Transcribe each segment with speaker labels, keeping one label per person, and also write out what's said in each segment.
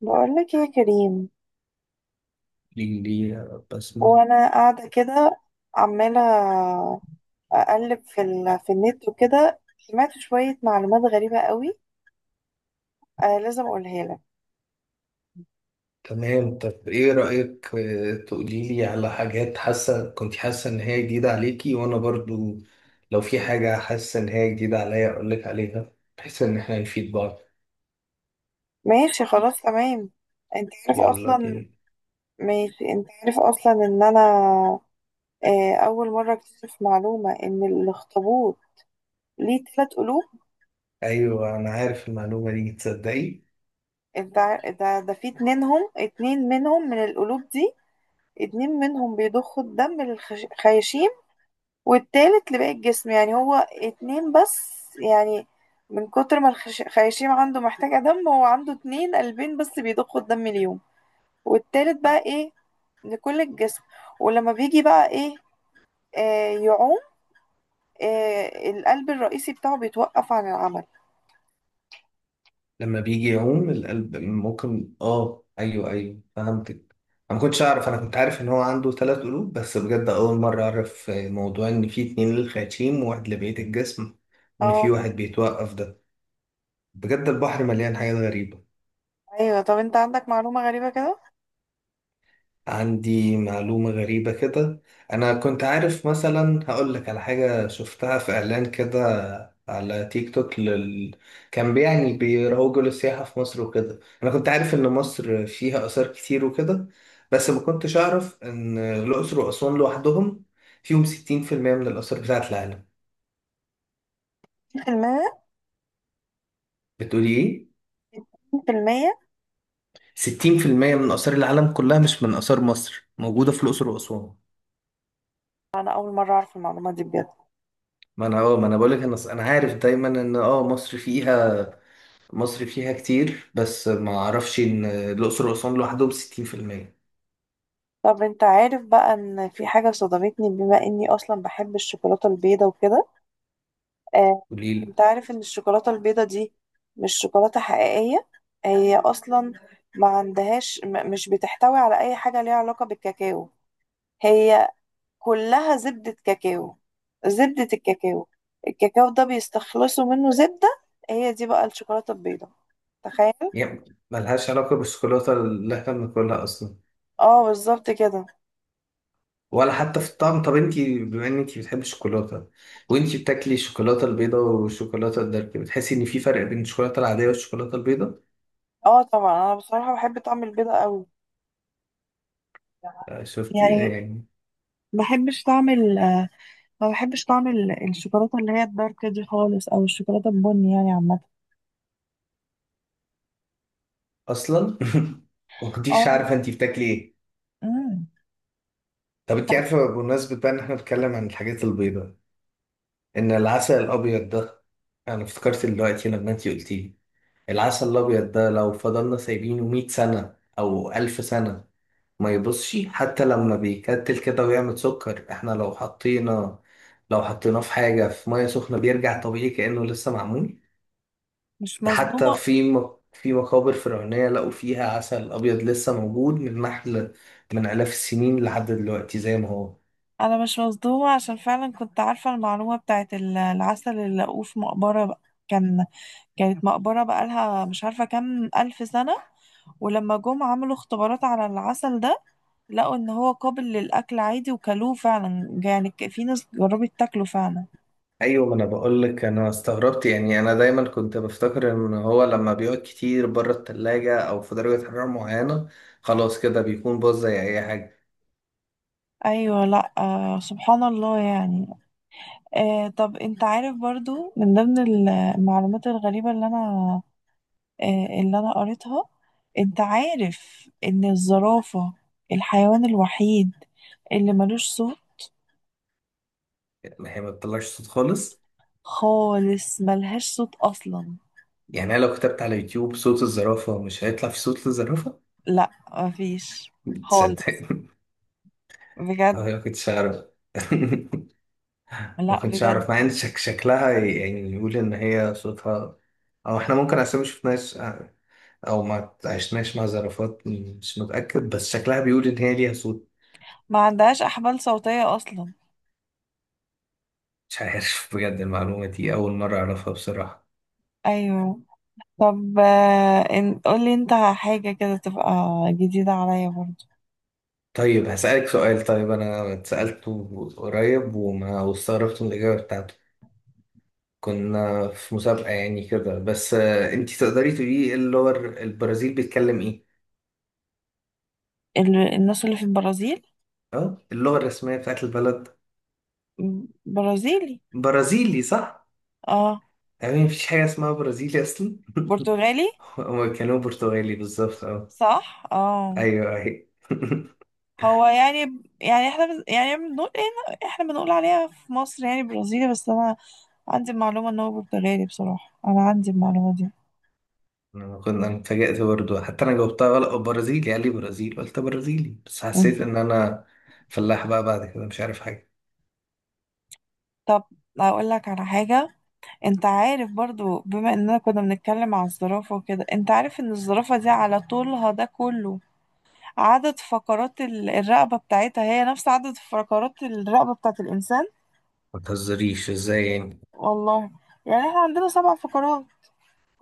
Speaker 1: بقولك يا كريم.
Speaker 2: ليه بسمة؟
Speaker 1: وانا قاعده كده عماله اقلب في النت وكده سمعت شويه معلومات غريبه قوي. لازم اقولها لك.
Speaker 2: تمام، طب ايه رأيك؟ تقولي لي على حاجات كنت حاسة ان هي جديدة عليكي وانا برضو لو في حاجة حاسة ان هي جديدة عليا اقول لك عليها، بحيث ان احنا نفيد بعض.
Speaker 1: ماشي خلاص تمام. انت عارف
Speaker 2: يلا
Speaker 1: اصلا
Speaker 2: بينا.
Speaker 1: ماشي انت عارف اصلا ان انا اول مره اكتشف معلومه ان الاخطبوط ليه تلات قلوب.
Speaker 2: ايوه انا عارف المعلومة دي، تصدقي؟
Speaker 1: ده في اتنينهم اتنين منهم من القلوب دي. اتنين منهم بيضخوا الدم للخياشيم، والتالت لباقي الجسم، يعني هو اتنين بس، يعني من كتر ما الخياشيم عنده محتاجة دم، هو عنده اتنين قلبين بس بيضخوا الدم اليوم، والتالت بقى ايه لكل الجسم. ولما بيجي بقى ايه يعوم، القلب الرئيسي بتاعه بيتوقف عن العمل.
Speaker 2: لما بيجي يعوم القلب ممكن ايوه ايوه فهمتك. انا ما كنتش اعرف، انا كنت عارف ان هو عنده ثلاث قلوب بس، بجد اول مره اعرف موضوع ان في اتنين للخياشيم وواحد لبقيه الجسم، وان في
Speaker 1: اه
Speaker 2: واحد بيتوقف ده. بجد البحر مليان حاجات غريبه.
Speaker 1: ايوه. طب انت عندك معلومة غريبة كده؟
Speaker 2: عندي معلومة غريبة كده. أنا كنت عارف، مثلا هقول لك على حاجة شفتها في إعلان كده على تيك توك كان يعني بيروجوا للسياحة في مصر وكده. أنا كنت عارف إن مصر فيها آثار كتير وكده، بس ما كنتش أعرف إن الأقصر وأسوان لوحدهم فيهم 60% من الآثار بتاعة العالم.
Speaker 1: في المية،
Speaker 2: بتقولي إيه؟
Speaker 1: في المية.
Speaker 2: 60% من آثار العالم كلها، مش من آثار مصر، موجودة في الأقصر وأسوان.
Speaker 1: انا اول مرة اعرف المعلومة دي بجد.
Speaker 2: ما أنا بقولك، أنا عارف دايما إن مصر فيها كتير، بس ما اعرفش ان الاقصر واسوان لوحدهم 60%.
Speaker 1: طب انت عارف بقى ان في حاجة صدمتني بما اني اصلا بحب الشوكولاتة البيضة وكده؟ آه،
Speaker 2: قليل.
Speaker 1: انت عارف ان الشوكولاتة البيضة دي مش شوكولاتة حقيقية؟ هي اصلا ما عندهاش مش بتحتوي على اي حاجة ليها علاقة بالكاكاو. هي كلها زبدة كاكاو، زبدة الكاكاو، الكاكاو ده بيستخلصوا منه زبدة، هي دي بقى الشوكولاتة البيضة. تخيل.
Speaker 2: يعني ملهاش علاقه بالشوكولاته اللي احنا بناكلها اصلا،
Speaker 1: اه بالظبط كده.
Speaker 2: ولا حتى في الطعم. طب انتي بما ان انتي بتحبي الشوكولاته، وانتي بتاكلي الشوكولاته البيضاء والشوكولاته الدارك، بتحسي ان في فرق بين الشوكولاته العاديه والشوكولاته البيضاء؟
Speaker 1: اه طبعا، انا بصراحة بحب طعم البيضة قوي،
Speaker 2: شفتي
Speaker 1: يعني
Speaker 2: يعني.
Speaker 1: ما بحبش طعم ال- ما بحبش طعم الشوكولاتة اللي هي الدارك دي خالص، او الشوكولاتة البني يعني عامة.
Speaker 2: اصلا وما كنتيش
Speaker 1: اه.
Speaker 2: عارفه انتي بتاكلي ايه.
Speaker 1: امم
Speaker 2: طب انتي عارفه، بمناسبه بقى ان احنا بنتكلم عن الحاجات البيضاء، ان العسل الابيض ده، انا افتكرت دلوقتي لما انتي قلتيه، العسل الأبيض ده لو فضلنا سايبينه مية سنة أو ألف سنة ما يبصش. حتى لما بيكتل كده ويعمل سكر، احنا لو حطيناه في حاجة في مية سخنة بيرجع طبيعي كأنه لسه معمول.
Speaker 1: مش
Speaker 2: ده حتى
Speaker 1: مصدومة
Speaker 2: في مقابر فرعونية لقوا فيها عسل أبيض لسه موجود، من نحل من آلاف السنين لحد دلوقتي زي ما هو.
Speaker 1: انا مش مصدومة عشان فعلا كنت عارفة المعلومة بتاعت العسل اللي لقوه في مقبرة بقى. كان كانت مقبرة بقالها مش عارفة كام ألف سنة، ولما جم عملوا اختبارات على العسل ده لقوا ان هو قابل للأكل عادي، وكلوه فعلا، يعني في ناس جربت تاكله فعلا.
Speaker 2: ايوه ما انا بقول لك انا استغربت، يعني انا دايما كنت بفتكر ان هو لما بيقعد كتير بره التلاجة او في درجة حرارة معينة خلاص كده بيكون باظ زي اي حاجة.
Speaker 1: ايوه لا سبحان الله يعني. طب انت عارف برضو من ضمن المعلومات الغريبة اللي انا آه، اللي أنا قريتها؟ أنت عارف إن الزرافة الحيوان الوحيد اللي ملوش صوت؟
Speaker 2: يعني هي ما بتطلعش صوت خالص؟
Speaker 1: خالص ملهاش صوت أصلا.
Speaker 2: يعني انا لو كتبت على يوتيوب صوت الزرافة مش هيطلع في صوت الزرافة؟
Speaker 1: لا مفيش خالص.
Speaker 2: تصدق؟ أه،
Speaker 1: بجد.
Speaker 2: ما كنتش اعرف. ما
Speaker 1: لا
Speaker 2: كنتش
Speaker 1: بجد.
Speaker 2: اعرف، مع ان شكلها يعني يقول ان هي صوتها، او احنا ممكن عشان ما شفناش او ما عشناش مع زرافات، مش متأكد، بس شكلها بيقول ان هي ليها صوت.
Speaker 1: ما عندهاش أحبال صوتية أصلا.
Speaker 2: مش عارف بجد، المعلومة دي أول مرة أعرفها بصراحة.
Speaker 1: أيوه. طب قولي أنت حاجة كده تبقى جديدة عليا برضو.
Speaker 2: طيب هسألك سؤال، طيب أنا اتسألته قريب واستغربت من الإجابة بتاعته، كنا في مسابقة يعني كده بس، أنتي تقدري تقولي إيه اللغة البرازيل بيتكلم إيه؟
Speaker 1: الناس اللي في البرازيل.
Speaker 2: أه، اللغة الرسمية بتاعت البلد.
Speaker 1: برازيلي.
Speaker 2: برازيلي، صح؟
Speaker 1: اه
Speaker 2: يعني مفيش حاجة اسمها برازيلي أصلا.
Speaker 1: برتغالي
Speaker 2: هما كانوا برتغالي بالظبط، أه.
Speaker 1: صح. اه.
Speaker 2: أيوه أيوه.
Speaker 1: هو يعني احنا يعني بنقول ايه، احنا بنقول عليها في مصر يعني برازيلي، بس انا عندي المعلومة ان هو برتغالي، بصراحة انا عندي المعلومة دي.
Speaker 2: انا اتفاجأت برضه، حتى انا جاوبتها غلط، برازيلي، قال لي برازيل قلت برازيلي، بس
Speaker 1: مم.
Speaker 2: حسيت ان انا فلاح بقى بعد كده مش عارف حاجه.
Speaker 1: طب اقول لك على حاجة. انت عارف برضو بما اننا كنا بنتكلم على الزرافة وكده، انت عارف ان الزرافة دي على طولها ده كله عدد فقرات الرقبة بتاعتها هي نفس عدد فقرات الرقبة بتاعت الانسان؟
Speaker 2: ما تهزريش، ازاي يعني؟
Speaker 1: والله، يعني احنا عندنا سبع فقرات،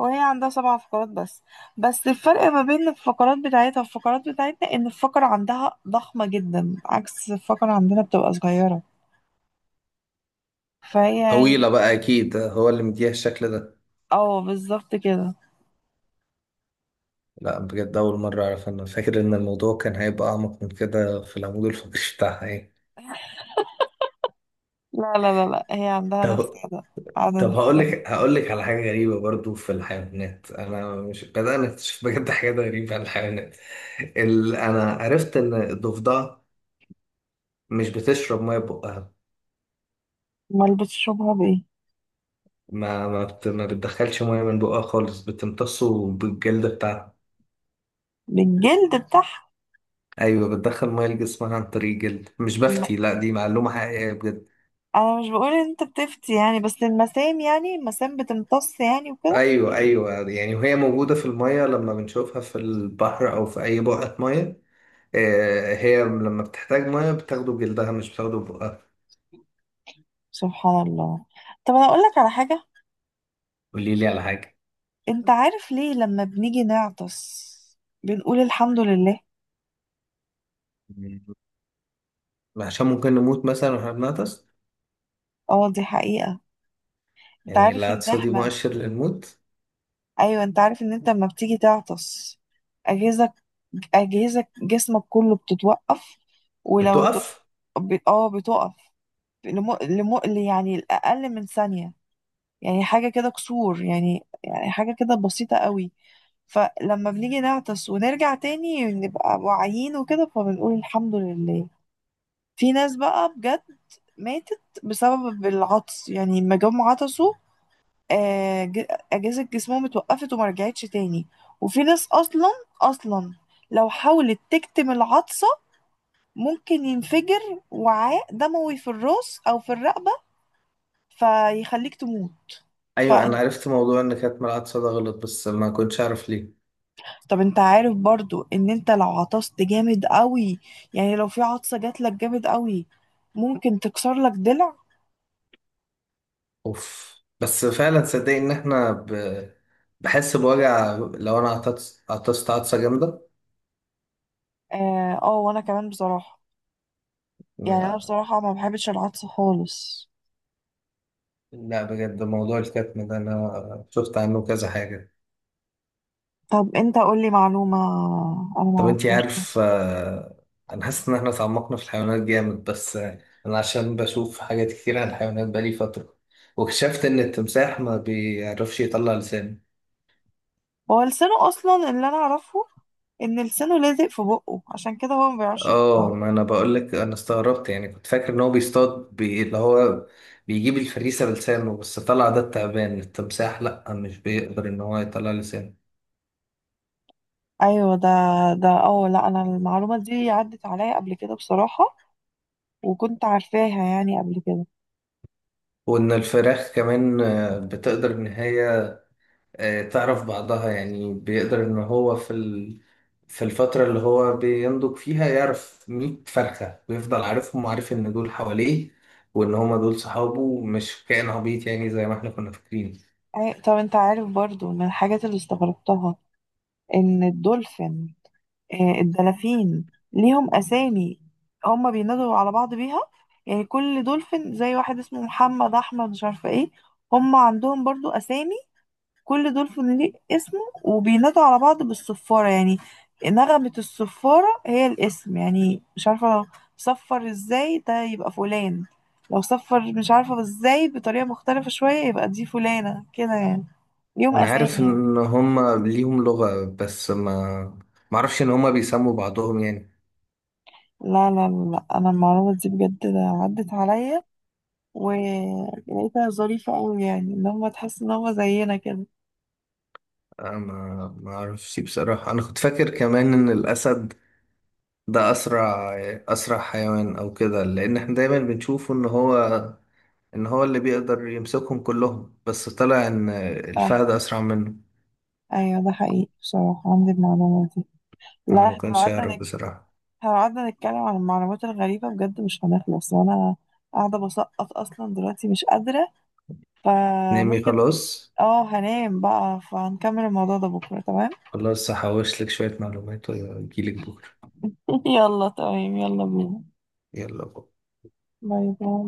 Speaker 1: هي عندها سبع فقرات بس، بس الفرق ما بين الفقرات بتاعتها والفقرات بتاعتنا ان الفقرة عندها ضخمة جدا عكس الفقرة عندنا بتبقى صغيرة، فهي
Speaker 2: طويله
Speaker 1: يعني.
Speaker 2: بقى اكيد، هو اللي مديها الشكل ده.
Speaker 1: اه بالظبط كده.
Speaker 2: لا بجد اول مره اعرف، انا فاكر ان الموضوع كان هيبقى اعمق من كده في العمود الفقري بتاعها يعني.
Speaker 1: لا لا لا لا، هي عندها نفس
Speaker 2: طب
Speaker 1: عدد
Speaker 2: طب هقول
Speaker 1: الفقرات.
Speaker 2: لك هقول لك على حاجه غريبه برضه في الحيوانات، انا مش بدأنا نكتشف بجد حاجات غريبه عن الحيوانات؟ انا عرفت ان الضفدع مش بتشرب ميه بقها.
Speaker 1: امال بتشربها بايه؟
Speaker 2: ما بتدخلش ميه من بقها خالص، بتمتصه بالجلد بتاعها.
Speaker 1: بالجلد بتاعها.
Speaker 2: ايوه بتدخل ميه لجسمها عن طريق الجلد، مش
Speaker 1: الم...
Speaker 2: بفتي، لا دي معلومه حقيقيه بجد.
Speaker 1: انا مش بقول ان انت بتفتي، يعني بس المسام بتمتص يعني وكده.
Speaker 2: ايوه ايوه، يعني وهي موجوده في الميه، لما بنشوفها في البحر او في اي بقعه ميه، هي لما بتحتاج ميه بتاخده بجلدها مش بتاخده بقها.
Speaker 1: سبحان الله. طب انا اقول لك على حاجة.
Speaker 2: قولي لي على حاجه.
Speaker 1: انت عارف ليه لما بنيجي نعطس بنقول الحمد لله؟
Speaker 2: عشان ممكن نموت مثلا واحنا بنغطس.
Speaker 1: اه دي حقيقة. انت
Speaker 2: يعني
Speaker 1: عارف ان
Speaker 2: العطسه دي
Speaker 1: احنا
Speaker 2: مؤشر للموت.
Speaker 1: ايوه، انت عارف ان انت لما بتيجي تعطس اجهزك اجهزك جسمك كله بتتوقف؟ ولو ت...
Speaker 2: بتقف.
Speaker 1: بتقف. لم... لم... يعني الاقل من ثانية، يعني حاجة كده كسور، يعني حاجة كده بسيطة قوي. فلما بنيجي نعطس ونرجع تاني نبقى واعيين وكده فبنقول الحمد لله. في ناس بقى بجد ماتت بسبب العطس، يعني لما جم عطسوا آه، ج- أجهزة جسمهم اتوقفت وما رجعتش تاني. وفي ناس أصلا لو حاولت تكتم العطسة ممكن ينفجر وعاء دموي في الراس أو في الرقبة فيخليك تموت.
Speaker 2: ايوه انا
Speaker 1: فانت
Speaker 2: عرفت موضوع ان كانت العطسه ده غلط، بس ما كنتش عارف ليه.
Speaker 1: طب انت عارف برضو ان انت لو عطست جامد قوي، يعني لو في عطسة جات لك جامد قوي ممكن تكسر لك ضلع.
Speaker 2: اوف، بس فعلا صدق، ان احنا بحس بوجع لو انا عطست عطسه جامده.
Speaker 1: اه وانا كمان بصراحة، يعني انا بصراحة ما بحبش العطسة خالص.
Speaker 2: لا بجد موضوع الكتم ده انا شفت عنه كذا حاجه.
Speaker 1: طب انت قولي معلومة انا ما
Speaker 2: طب انتي
Speaker 1: اعرفهاش.
Speaker 2: عارف، انا حاسس ان احنا اتعمقنا في الحيوانات جامد، بس انا عشان بشوف حاجات كتير عن الحيوانات بقالي فتره، واكتشفت ان التمساح ما بيعرفش يطلع لسانه.
Speaker 1: هو لسانه اصلا اللي انا اعرفه ان لسانه لازق في بقه عشان كده هو ما بيعرفش يطلعه.
Speaker 2: اه ما انا بقول لك انا استغربت، يعني كنت فاكر ان هو بيصطاد اللي هو بيجيب الفريسه بلسانه، بس طلع ده التعبان، التمساح لا مش بيقدر ان هو يطلع لسانه.
Speaker 1: ايوه ده اه. لا انا المعلومه دي عدت عليا قبل كده بصراحه، وكنت عارفاها يعني قبل كده.
Speaker 2: وان الفراخ كمان، بتقدر ان هي تعرف بعضها، يعني بيقدر ان هو في في الفتره اللي هو بينضج فيها يعرف 100 فرخه ويفضل عارفهم، وعارف ان دول حواليه، وان هما دول صحابه، مش كائن عبيط يعني زي ما احنا كنا فاكرين.
Speaker 1: طب انت عارف برضو من الحاجات اللي استغربتها ان الدولفين آه، الدلافين ليهم اسامي؟ هما بينادوا على بعض بيها، يعني كل دولفين زي واحد اسمه محمد احمد مش عارفه ايه، هما عندهم برضو اسامي، كل دول فنليق اسمه وبينادوا على بعض بالصفارة، يعني نغمة الصفارة هي الاسم، يعني مش عارفة لو صفر ازاي ده يبقى فلان، لو صفر مش عارفة ازاي بطريقة مختلفة شوية يبقى دي فلانة كده يعني، ليهم
Speaker 2: انا
Speaker 1: أسامي
Speaker 2: عارف
Speaker 1: يعني.
Speaker 2: ان هما ليهم لغة، بس ما اعرفش ان هما بيسموا بعضهم يعني.
Speaker 1: لا لا لا لا، أنا المعلومة دي بجد عدت عليا، ولقيتها ظريفة أوي، يعني إن هما تحس إن هما زينا كده.
Speaker 2: أنا ما اعرفش بصراحة، انا كنت فاكر كمان ان الاسد ده اسرع حيوان او كده، لان احنا دايما بنشوفه ان هو اللي بيقدر يمسكهم كلهم، بس طلع ان
Speaker 1: آه،
Speaker 2: الفهد اسرع منه.
Speaker 1: أيوة ده حقيقي بصراحة، عندي المعلومة دي.
Speaker 2: انا
Speaker 1: لا
Speaker 2: ما كنتش اعرف
Speaker 1: احنا
Speaker 2: بصراحة.
Speaker 1: لو قعدنا نتكلم عن المعلومات الغريبة بجد مش هنخلص، وانا قاعدة بسقط اصلا دلوقتي مش قادرة،
Speaker 2: نامي
Speaker 1: فممكن
Speaker 2: خلاص.
Speaker 1: اه هنام بقى، فهنكمل الموضوع ده بكرة تمام.
Speaker 2: خلاص هحوش لك شوية معلومات واجيلك بكرة.
Speaker 1: يلا تمام يلا بينا.
Speaker 2: يلا بكرة.
Speaker 1: باي باي.